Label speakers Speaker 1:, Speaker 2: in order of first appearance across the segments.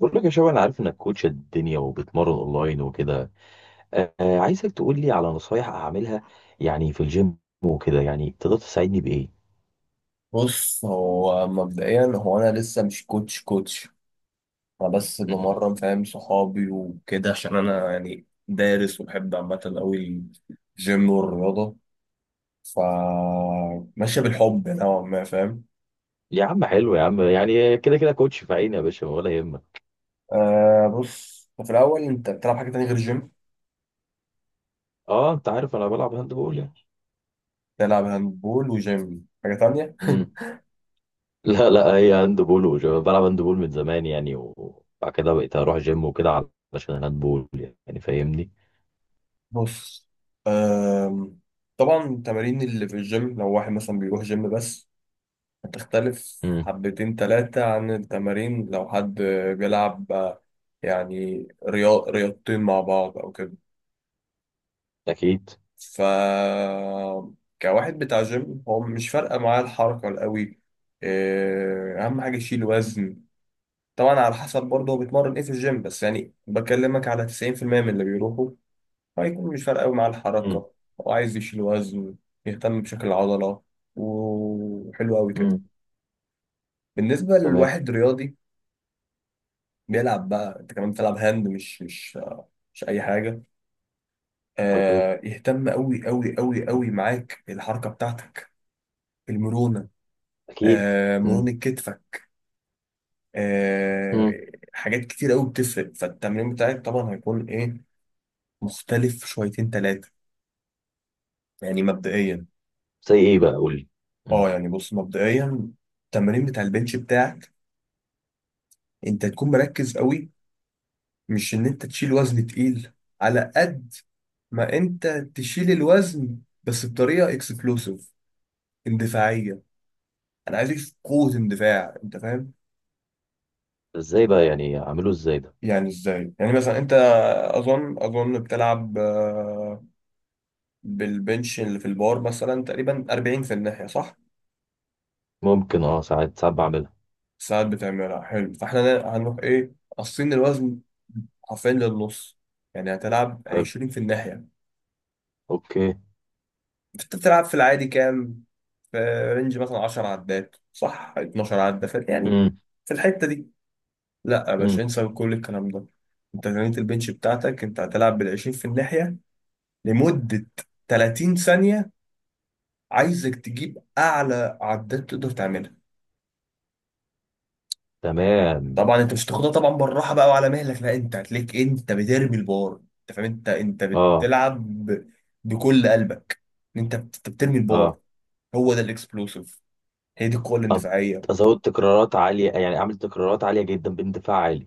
Speaker 1: بقول لك يا شباب، انا عارف انك كوتش الدنيا وبتمرن اونلاين وكده. آه. عايزك تقول لي على نصايح اعملها يعني في الجيم وكده. يعني تقدر تساعدني بايه؟
Speaker 2: بص هو مبدئيا انا لسه مش كوتش كوتش، انا بس
Speaker 1: مم.
Speaker 2: بمرن فاهم صحابي وكده، عشان انا يعني دارس وبحب عامه قوي الجيم والرياضه. ف ماشيه بالحب نوعا ما فاهم.
Speaker 1: يا عم حلو يا عم، يعني كده كده كوتش في عيني يا باشا، ولا يهمك.
Speaker 2: آه، بص في الاول انت بتلعب حاجه تانية غير الجيم؟
Speaker 1: اه، انت عارف انا بلعب هاند بول يعني.
Speaker 2: تلعب هاندبول وجيم حاجه تانية.
Speaker 1: مم. لا لا، هي هاند بول وشباب. بلعب هاند بول من زمان يعني، وبعد كده بقيت اروح جيم وكده علشان الهاند بول. يعني فاهمني.
Speaker 2: بص، آم، طبعا التمارين اللي في الجيم لو واحد مثلا بيروح جيم بس هتختلف
Speaker 1: مم.
Speaker 2: حبتين تلاتة عن التمارين لو حد بيلعب يعني رياض رياضتين مع بعض أو كده.
Speaker 1: اكيد.
Speaker 2: ف كواحد بتاع جيم هو مش فارقة معاه الحركة القوي. إيه، أهم حاجة يشيل وزن. طبعا على حسب برضه هو بيتمرن إيه في الجيم، بس يعني بكلمك على 90% من اللي بيروحوا هيكون مش فارقة قوي معاه
Speaker 1: مم.
Speaker 2: الحركة. هو عايز يشيل وزن، يهتم بشكل العضلة، وحلو أوي كده.
Speaker 1: مم.
Speaker 2: بالنسبة
Speaker 1: تمام.
Speaker 2: لواحد رياضي بيلعب بقى، انت كمان بتلعب هاند، مش اي حاجه.
Speaker 1: اوكي.
Speaker 2: آه، يهتم قوي قوي قوي قوي معاك الحركه بتاعتك، المرونه.
Speaker 1: اكيد.
Speaker 2: آه، مرونه
Speaker 1: مم.
Speaker 2: كتفك. آه،
Speaker 1: مم.
Speaker 2: حاجات كتير قوي بتفرق فالتمرين بتاعك. طبعا هيكون ايه مختلف شويتين ثلاثه، يعني مبدئيا.
Speaker 1: زي ايه بقى؟ قول لي.
Speaker 2: اه يعني بص مبدئيا، التمرين بتاع البنش بتاعك انت تكون مركز قوي، مش ان انت تشيل وزن تقيل. على قد ما انت تشيل الوزن بس بطريقه اكسبلوسيف اندفاعيه. انا عايز اكشف قوه اندفاع، انت فاهم؟
Speaker 1: ازاي بقى يعني؟ اعمله ازاي ده؟
Speaker 2: يعني ازاي، يعني مثلا انت اظن بتلعب بالبنش اللي في البار مثلا تقريبا 40 في الناحيه، صح؟
Speaker 1: ممكن. اه، ساعات ساعات بعملها.
Speaker 2: ساعات بتعملها؟ حلو. فاحنا هنروح ايه، قاصين الوزن حرفيا للنص، يعني هتلعب
Speaker 1: حلو.
Speaker 2: 20 في الناحيه.
Speaker 1: اوكي.
Speaker 2: انت بتلعب في العادي كام، في رينج مثلا 10 عدات صح، 12 عده في يعني،
Speaker 1: امم.
Speaker 2: في الحته دي. لا يا
Speaker 1: امم.
Speaker 2: باشا، انسى كل الكلام ده. انت تمرينة البنش بتاعتك انت هتلعب بال 20 في الناحيه لمدة 30 ثانية. عايزك تجيب أعلى عداد تقدر تعملها.
Speaker 1: تمام.
Speaker 2: طبعا أنت مش هتاخدها طبعا بالراحة بقى وعلى مهلك، لا أنت هتلاقيك أنت بترمي البار. أنت فاهم؟ أنت
Speaker 1: اه.
Speaker 2: بتلعب بكل قلبك. أنت بترمي البار.
Speaker 1: اه.
Speaker 2: هو ده الإكسبلوسيف، هي دي القوة
Speaker 1: أف-
Speaker 2: الاندفاعية.
Speaker 1: ازود تكرارات عاليه، يعني اعمل تكرارات عاليه جدا باندفاع عالي.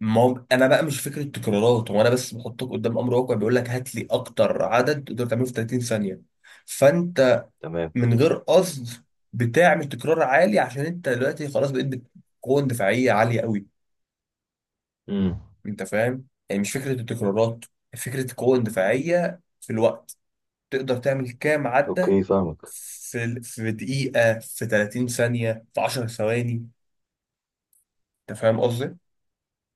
Speaker 2: ما هو أنا بقى مش فكرة تكرارات، هو أنا بس بحطك قدام أمر واقع بيقول لك هات لي أكتر عدد تقدر تعمله في 30 ثانية. فأنت
Speaker 1: تمام.
Speaker 2: من غير قصد بتعمل تكرار عالي، عشان انت دلوقتي خلاص بقيت قوة دفاعية عالية قوي.
Speaker 1: امم.
Speaker 2: انت فاهم؟ يعني مش فكرة التكرارات، فكرة القوة الدفاعية في الوقت. تقدر تعمل كام عدة
Speaker 1: اوكي فاهمك.
Speaker 2: في دقيقة، في 30 ثانية، في 10 ثواني. انت فاهم قصدي؟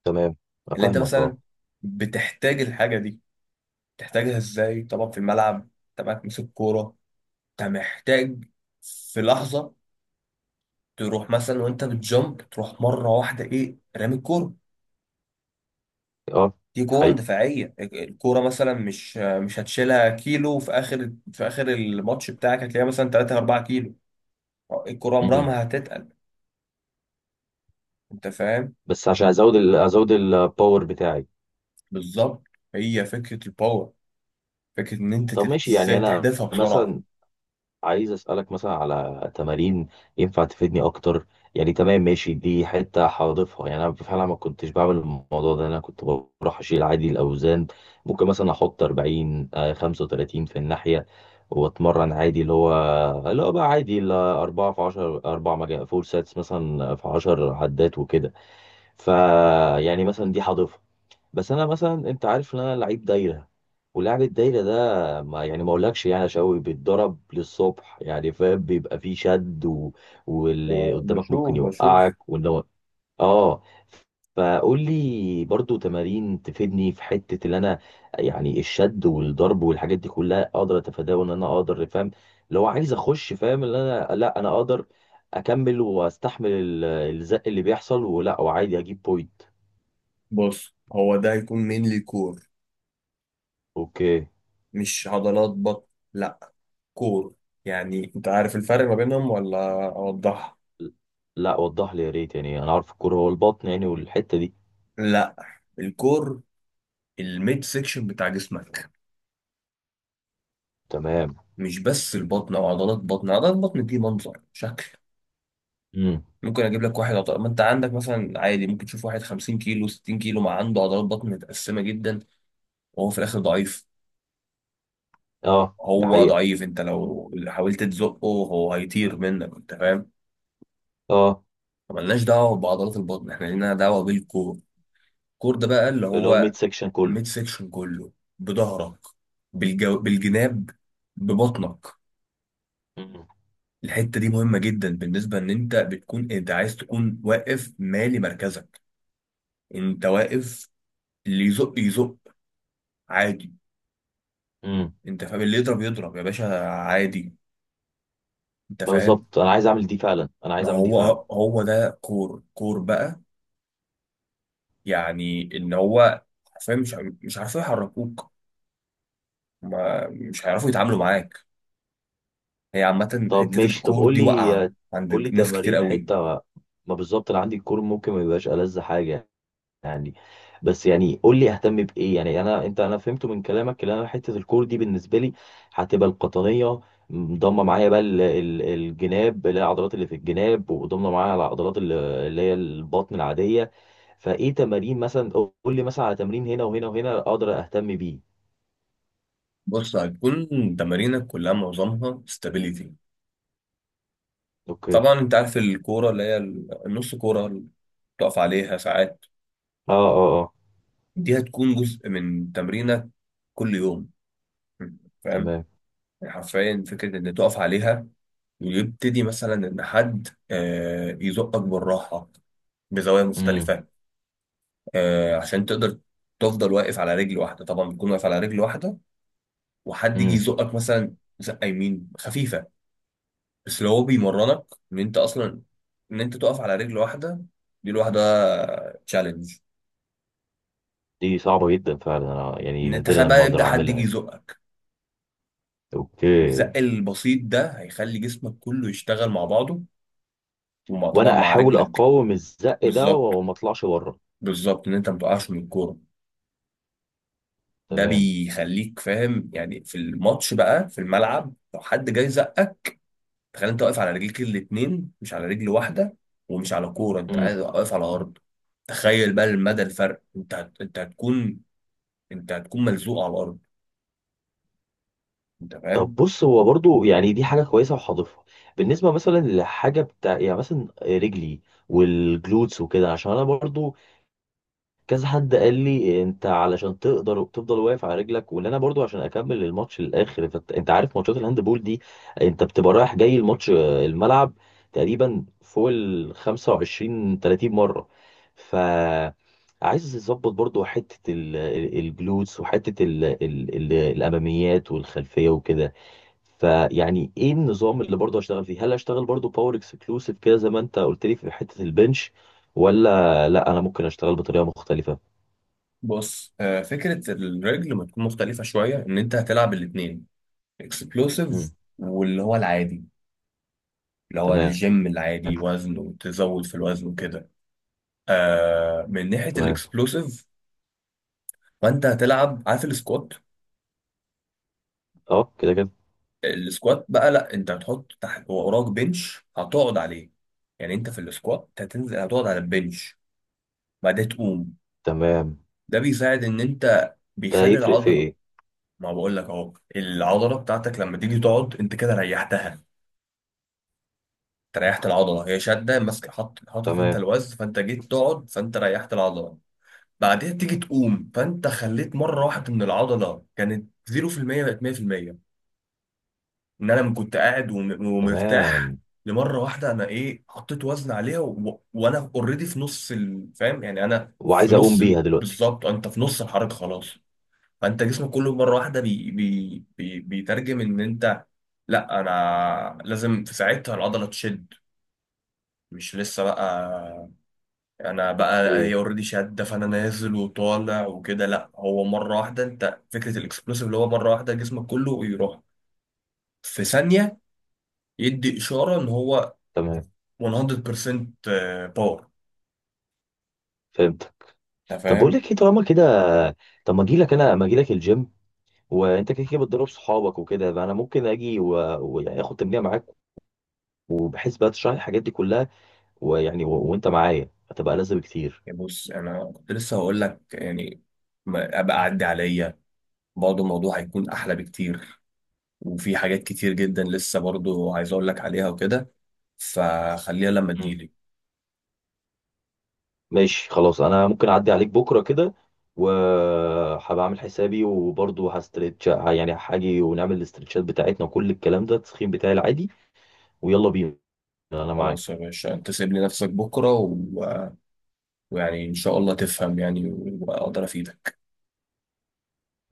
Speaker 1: تمام.
Speaker 2: اللي انت
Speaker 1: افهمك. اه.
Speaker 2: مثلا بتحتاج الحاجة دي تحتاجها ازاي؟ طبعا في الملعب انت معاك مسك كورة، انت محتاج في لحظة تروح مثلا وانت بتجمب تروح مرة واحدة، ايه، رامي الكورة.
Speaker 1: اه.
Speaker 2: دي
Speaker 1: ده
Speaker 2: قوة
Speaker 1: حقيقي.
Speaker 2: دفاعية. الكورة مثلا مش هتشيلها كيلو، في آخر الماتش بتاعك هتلاقيها مثلا 3 4 كيلو. الكورة عمرها
Speaker 1: امم.
Speaker 2: ما هتتقل. أنت فاهم؟
Speaker 1: بس عشان ازود ازود الباور بتاعي.
Speaker 2: بالظبط، هي فكرة الباور، فكرة إن أنت
Speaker 1: طب ماشي، يعني
Speaker 2: إزاي
Speaker 1: انا
Speaker 2: تحدفها بسرعة.
Speaker 1: مثلا عايز اسالك مثلا على تمارين ينفع تفيدني اكتر. يعني تمام ماشي، دي حته هضيفها يعني. انا فعلا ما كنتش بعمل الموضوع ده، انا كنت بروح اشيل عادي الاوزان. ممكن مثلا احط 40، 35 في الناحيه، واتمرن عادي، اللي هو اللي هو بقى عادي ال 4 في 10، 4 مجا فور ساتس مثلا في 10 عدات وكده. ف يعني مثلا دي هضيفها. بس انا مثلا، انت عارف ان انا لعيب دايره، ولعب الدايره ده ما يعني، ما اقولكش يعني يا شوقي، بيتضرب للصبح يعني. فاهم؟ بيبقى فيه شد واللي قدامك
Speaker 2: بشوف
Speaker 1: ممكن
Speaker 2: بشوف.
Speaker 1: يوقعك وان هو. اه. فقول لي برضو تمارين تفيدني في حته اللي انا، يعني الشد والضرب والحاجات دي كلها، اقدر اتفاداه وان انا اقدر. فاهم؟ لو عايز اخش، فاهم ان انا، لا انا اقدر اكمل واستحمل الزق اللي بيحصل، ولا وعادي اجيب بوينت.
Speaker 2: بص هو ده هيكون مينلي كور،
Speaker 1: اوكي.
Speaker 2: مش عضلات بطن. لا، كور. يعني أنت عارف الفرق ما بينهم ولا أوضحها؟
Speaker 1: لا، وضح لي يا ريت. يعني انا عارف الكوره هو البطن يعني، والحته دي.
Speaker 2: لا، الكور الميد سيكشن بتاع جسمك،
Speaker 1: تمام.
Speaker 2: مش بس البطن او عضلات بطن. عضلات بطن دي منظر شكل.
Speaker 1: امم.
Speaker 2: ممكن اجيب لك واحد عضلات ما انت عندك، مثلا عادي ممكن تشوف واحد 50 كيلو 60 كيلو ما عنده عضلات بطن متقسمه جدا وهو في الاخر ضعيف.
Speaker 1: اه، ده
Speaker 2: هو
Speaker 1: حقيقه.
Speaker 2: ضعيف، انت لو حاولت تزقه هو هيطير منك. انت فاهم؟
Speaker 1: اه،
Speaker 2: ملناش دعوه بعضلات البطن، احنا لينا دعوه بالكور. الكور ده بقى اللي
Speaker 1: اللي هو
Speaker 2: هو
Speaker 1: الميد سيكشن كله.
Speaker 2: الميد سيكشن كله، بظهرك، بالجناب، ببطنك.
Speaker 1: امم.
Speaker 2: الحته دي مهمه جدا، بالنسبه ان انت بتكون انت عايز تكون واقف مالي مركزك. انت واقف، اللي يزق يزق عادي.
Speaker 1: امم.
Speaker 2: انت فاهم؟ اللي يضرب يضرب يا باشا عادي. انت فاهم؟
Speaker 1: بالظبط انا عايز اعمل دي فعلا، انا
Speaker 2: ما
Speaker 1: عايز اعمل دي
Speaker 2: هو،
Speaker 1: فعلا.
Speaker 2: هو ده كور. كور بقى، يعني ان هو حرفيا مش مش عارفين يحركوك. ما مش هيعرفوا يتعاملوا معاك. هي عامة
Speaker 1: طب
Speaker 2: حتة
Speaker 1: ماشي، طب
Speaker 2: الكور
Speaker 1: قول
Speaker 2: دي واقعة
Speaker 1: لي. قول لي
Speaker 2: عند ناس كتير
Speaker 1: تمارين
Speaker 2: قوي.
Speaker 1: حته، ما بالظبط انا عندي الكور، ممكن ما يبقاش ألذ حاجه يعني. بس يعني قول لي اهتم بايه. يعني انا فهمت من كلامك ان انا حته الكور دي بالنسبه لي هتبقى القطنيه، ضمه معايا بقى الجناب اللي هي العضلات اللي في الجناب، وضمه معايا العضلات اللي هي البطن العاديه. فايه تمارين مثلا؟ قول لي مثلا على تمرين هنا وهنا وهنا اقدر اهتم بيه.
Speaker 2: بص هتكون تمارينك كلها معظمها استابيليتي.
Speaker 1: اوكي. اه.
Speaker 2: طبعا انت عارف الكورة اللي هي النص كورة اللي بتقف عليها ساعات،
Speaker 1: اه. اه.
Speaker 2: دي هتكون جزء من تمرينك كل يوم. فاهم؟
Speaker 1: تمام.
Speaker 2: يعني حرفيا فكرة إن تقف عليها ويبتدي مثلا إن حد يزقك بالراحة بزوايا
Speaker 1: امم.
Speaker 2: مختلفة، عشان تقدر تفضل واقف على رجل واحدة. طبعا بتكون واقف على رجل واحدة وحد يجي
Speaker 1: امم.
Speaker 2: يزقك مثلا زقة يمين خفيفة. بس لو هو بيمرنك إن أنت أصلا إن أنت تقف على رجل واحدة، دي لوحدها تشالنج.
Speaker 1: دي صعبه جدا فعلا، انا يعني
Speaker 2: إن أنت تخيل
Speaker 1: نادرا ما
Speaker 2: بقى يبدأ
Speaker 1: اقدر
Speaker 2: حد
Speaker 1: اعملها
Speaker 2: يجي
Speaker 1: يعني.
Speaker 2: يزقك،
Speaker 1: اوكي.
Speaker 2: الزق البسيط ده هيخلي جسمك كله يشتغل مع بعضه، ومع طبعا
Speaker 1: وانا
Speaker 2: مع
Speaker 1: احاول
Speaker 2: رجلك.
Speaker 1: اقاوم الزق ده
Speaker 2: بالظبط،
Speaker 1: وما اطلعش بره.
Speaker 2: بالظبط ان انت ما تقعش من الكوره. ده
Speaker 1: تمام.
Speaker 2: بيخليك فاهم يعني في الماتش بقى في الملعب لو حد جاي زقك، تخيل انت واقف على رجليك الاتنين مش على رجل واحده ومش على كوره، انت
Speaker 1: مم.
Speaker 2: قاعد واقف على ارض. تخيل بقى المدى الفرق، انت هتكون ملزوق على الارض. انت
Speaker 1: طب
Speaker 2: فاهم؟
Speaker 1: بص، هو برضو يعني دي حاجة كويسة وهضيفها. بالنسبة مثلا لحاجة بتاع، يعني مثلا رجلي والجلوتس وكده. عشان انا برضو كذا حد قال لي انت علشان تقدر تفضل واقف على رجلك، وان انا برضو عشان اكمل الماتش للاخر. انت عارف ماتشات الهاند بول دي، انت بتبقى رايح جاي الماتش آه، الملعب تقريبا فوق ال 25 30 مرة. ف عايز اظبط برضو حتة الجلوتس، وحتة الاماميات والخلفية وكده. فيعني ايه النظام اللي برضه هشتغل فيه؟ هل هشتغل برضه باور اكسكلوسيف كده زي ما انت قلت لي في حتة البنش؟ ولا لا، انا ممكن اشتغل بطريقة مختلفة.
Speaker 2: بص فكره الرجل ما تكون مختلفه شويه، ان انت هتلعب الاتنين اكسبلوسيف
Speaker 1: امم.
Speaker 2: واللي هو العادي، اللي هو
Speaker 1: تمام.
Speaker 2: الجيم العادي وزن وتزود في الوزن وكده. آه من ناحيه
Speaker 1: تمام.
Speaker 2: الاكسبلوسيف فانت هتلعب، عارف السكوات؟
Speaker 1: اه كده كده.
Speaker 2: السكوات بقى لا، انت هتحط تحت وراك بنش هتقعد عليه. يعني انت في السكوات هتنزل هتقعد على البنش بعدين تقوم.
Speaker 1: تمام.
Speaker 2: ده بيساعد ان انت
Speaker 1: ده
Speaker 2: بيخلي
Speaker 1: هيفرق في
Speaker 2: العضله.
Speaker 1: ايه؟
Speaker 2: ما بقول لك اهو، العضله بتاعتك لما تيجي تقعد انت كده ريحتها. انت ريحت العضله هي شاده ماسك، حط حاطط انت
Speaker 1: تمام.
Speaker 2: الوزن، فانت جيت تقعد فانت ريحت العضله. بعدين تيجي تقوم فانت خليت مره واحده من العضله كانت 0% بقت 100%. ان انا كنت قاعد ومرتاح،
Speaker 1: تمام.
Speaker 2: لمره واحده انا ايه حطيت وزن عليها وانا اوريدي في نص فاهم يعني انا في
Speaker 1: وعايز اقوم
Speaker 2: نص
Speaker 1: بيها دلوقتي.
Speaker 2: بالظبط انت في نص الحركه خلاص. فانت جسمك كله مره واحده بيترجم ان انت لا انا لازم في ساعتها العضله تشد، مش لسه بقى. انا بقى
Speaker 1: اوكي.
Speaker 2: هي اوريدي شاده فانا نازل وطالع وكده، لا هو مره واحده، انت فكره الاكسبلوسيف اللي هو مره واحده جسمك كله يروح في ثانيه، يدي اشاره ان هو
Speaker 1: تمام.
Speaker 2: 100% باور.
Speaker 1: فهمتك.
Speaker 2: انت
Speaker 1: طب بقول
Speaker 2: فاهم؟
Speaker 1: لك ايه، طالما كده طب ما اجي لك الجيم، وانت كده كده بتدرب صحابك وكده، يبقى انا ممكن اجي واخد واخد تمرين معاك، وبحيث بقى تشرح لي الحاجات دي كلها. ويعني وانت معايا هتبقى لذة بكتير.
Speaker 2: يعني بص انا كنت لسه هقول لك، يعني ابقى عدي عليا. برضه الموضوع هيكون احلى بكتير، وفي حاجات كتير جدا لسه برضه عايز اقول لك عليها وكده. فخليها لما
Speaker 1: مم.
Speaker 2: تجيلي.
Speaker 1: ماشي خلاص، انا ممكن اعدي عليك بكره كده، وهبقى اعمل حسابي. وبرضه هستريتش يعني، هاجي ونعمل الاسترتشات بتاعتنا وكل الكلام ده التسخين بتاعي العادي. ويلا بينا. انا
Speaker 2: خلاص يا
Speaker 1: معاك.
Speaker 2: باشا، انت سيب لي نفسك بكره ويعني ان شاء الله تفهم يعني واقدر افيدك.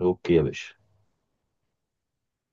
Speaker 1: اوكي يا باشا.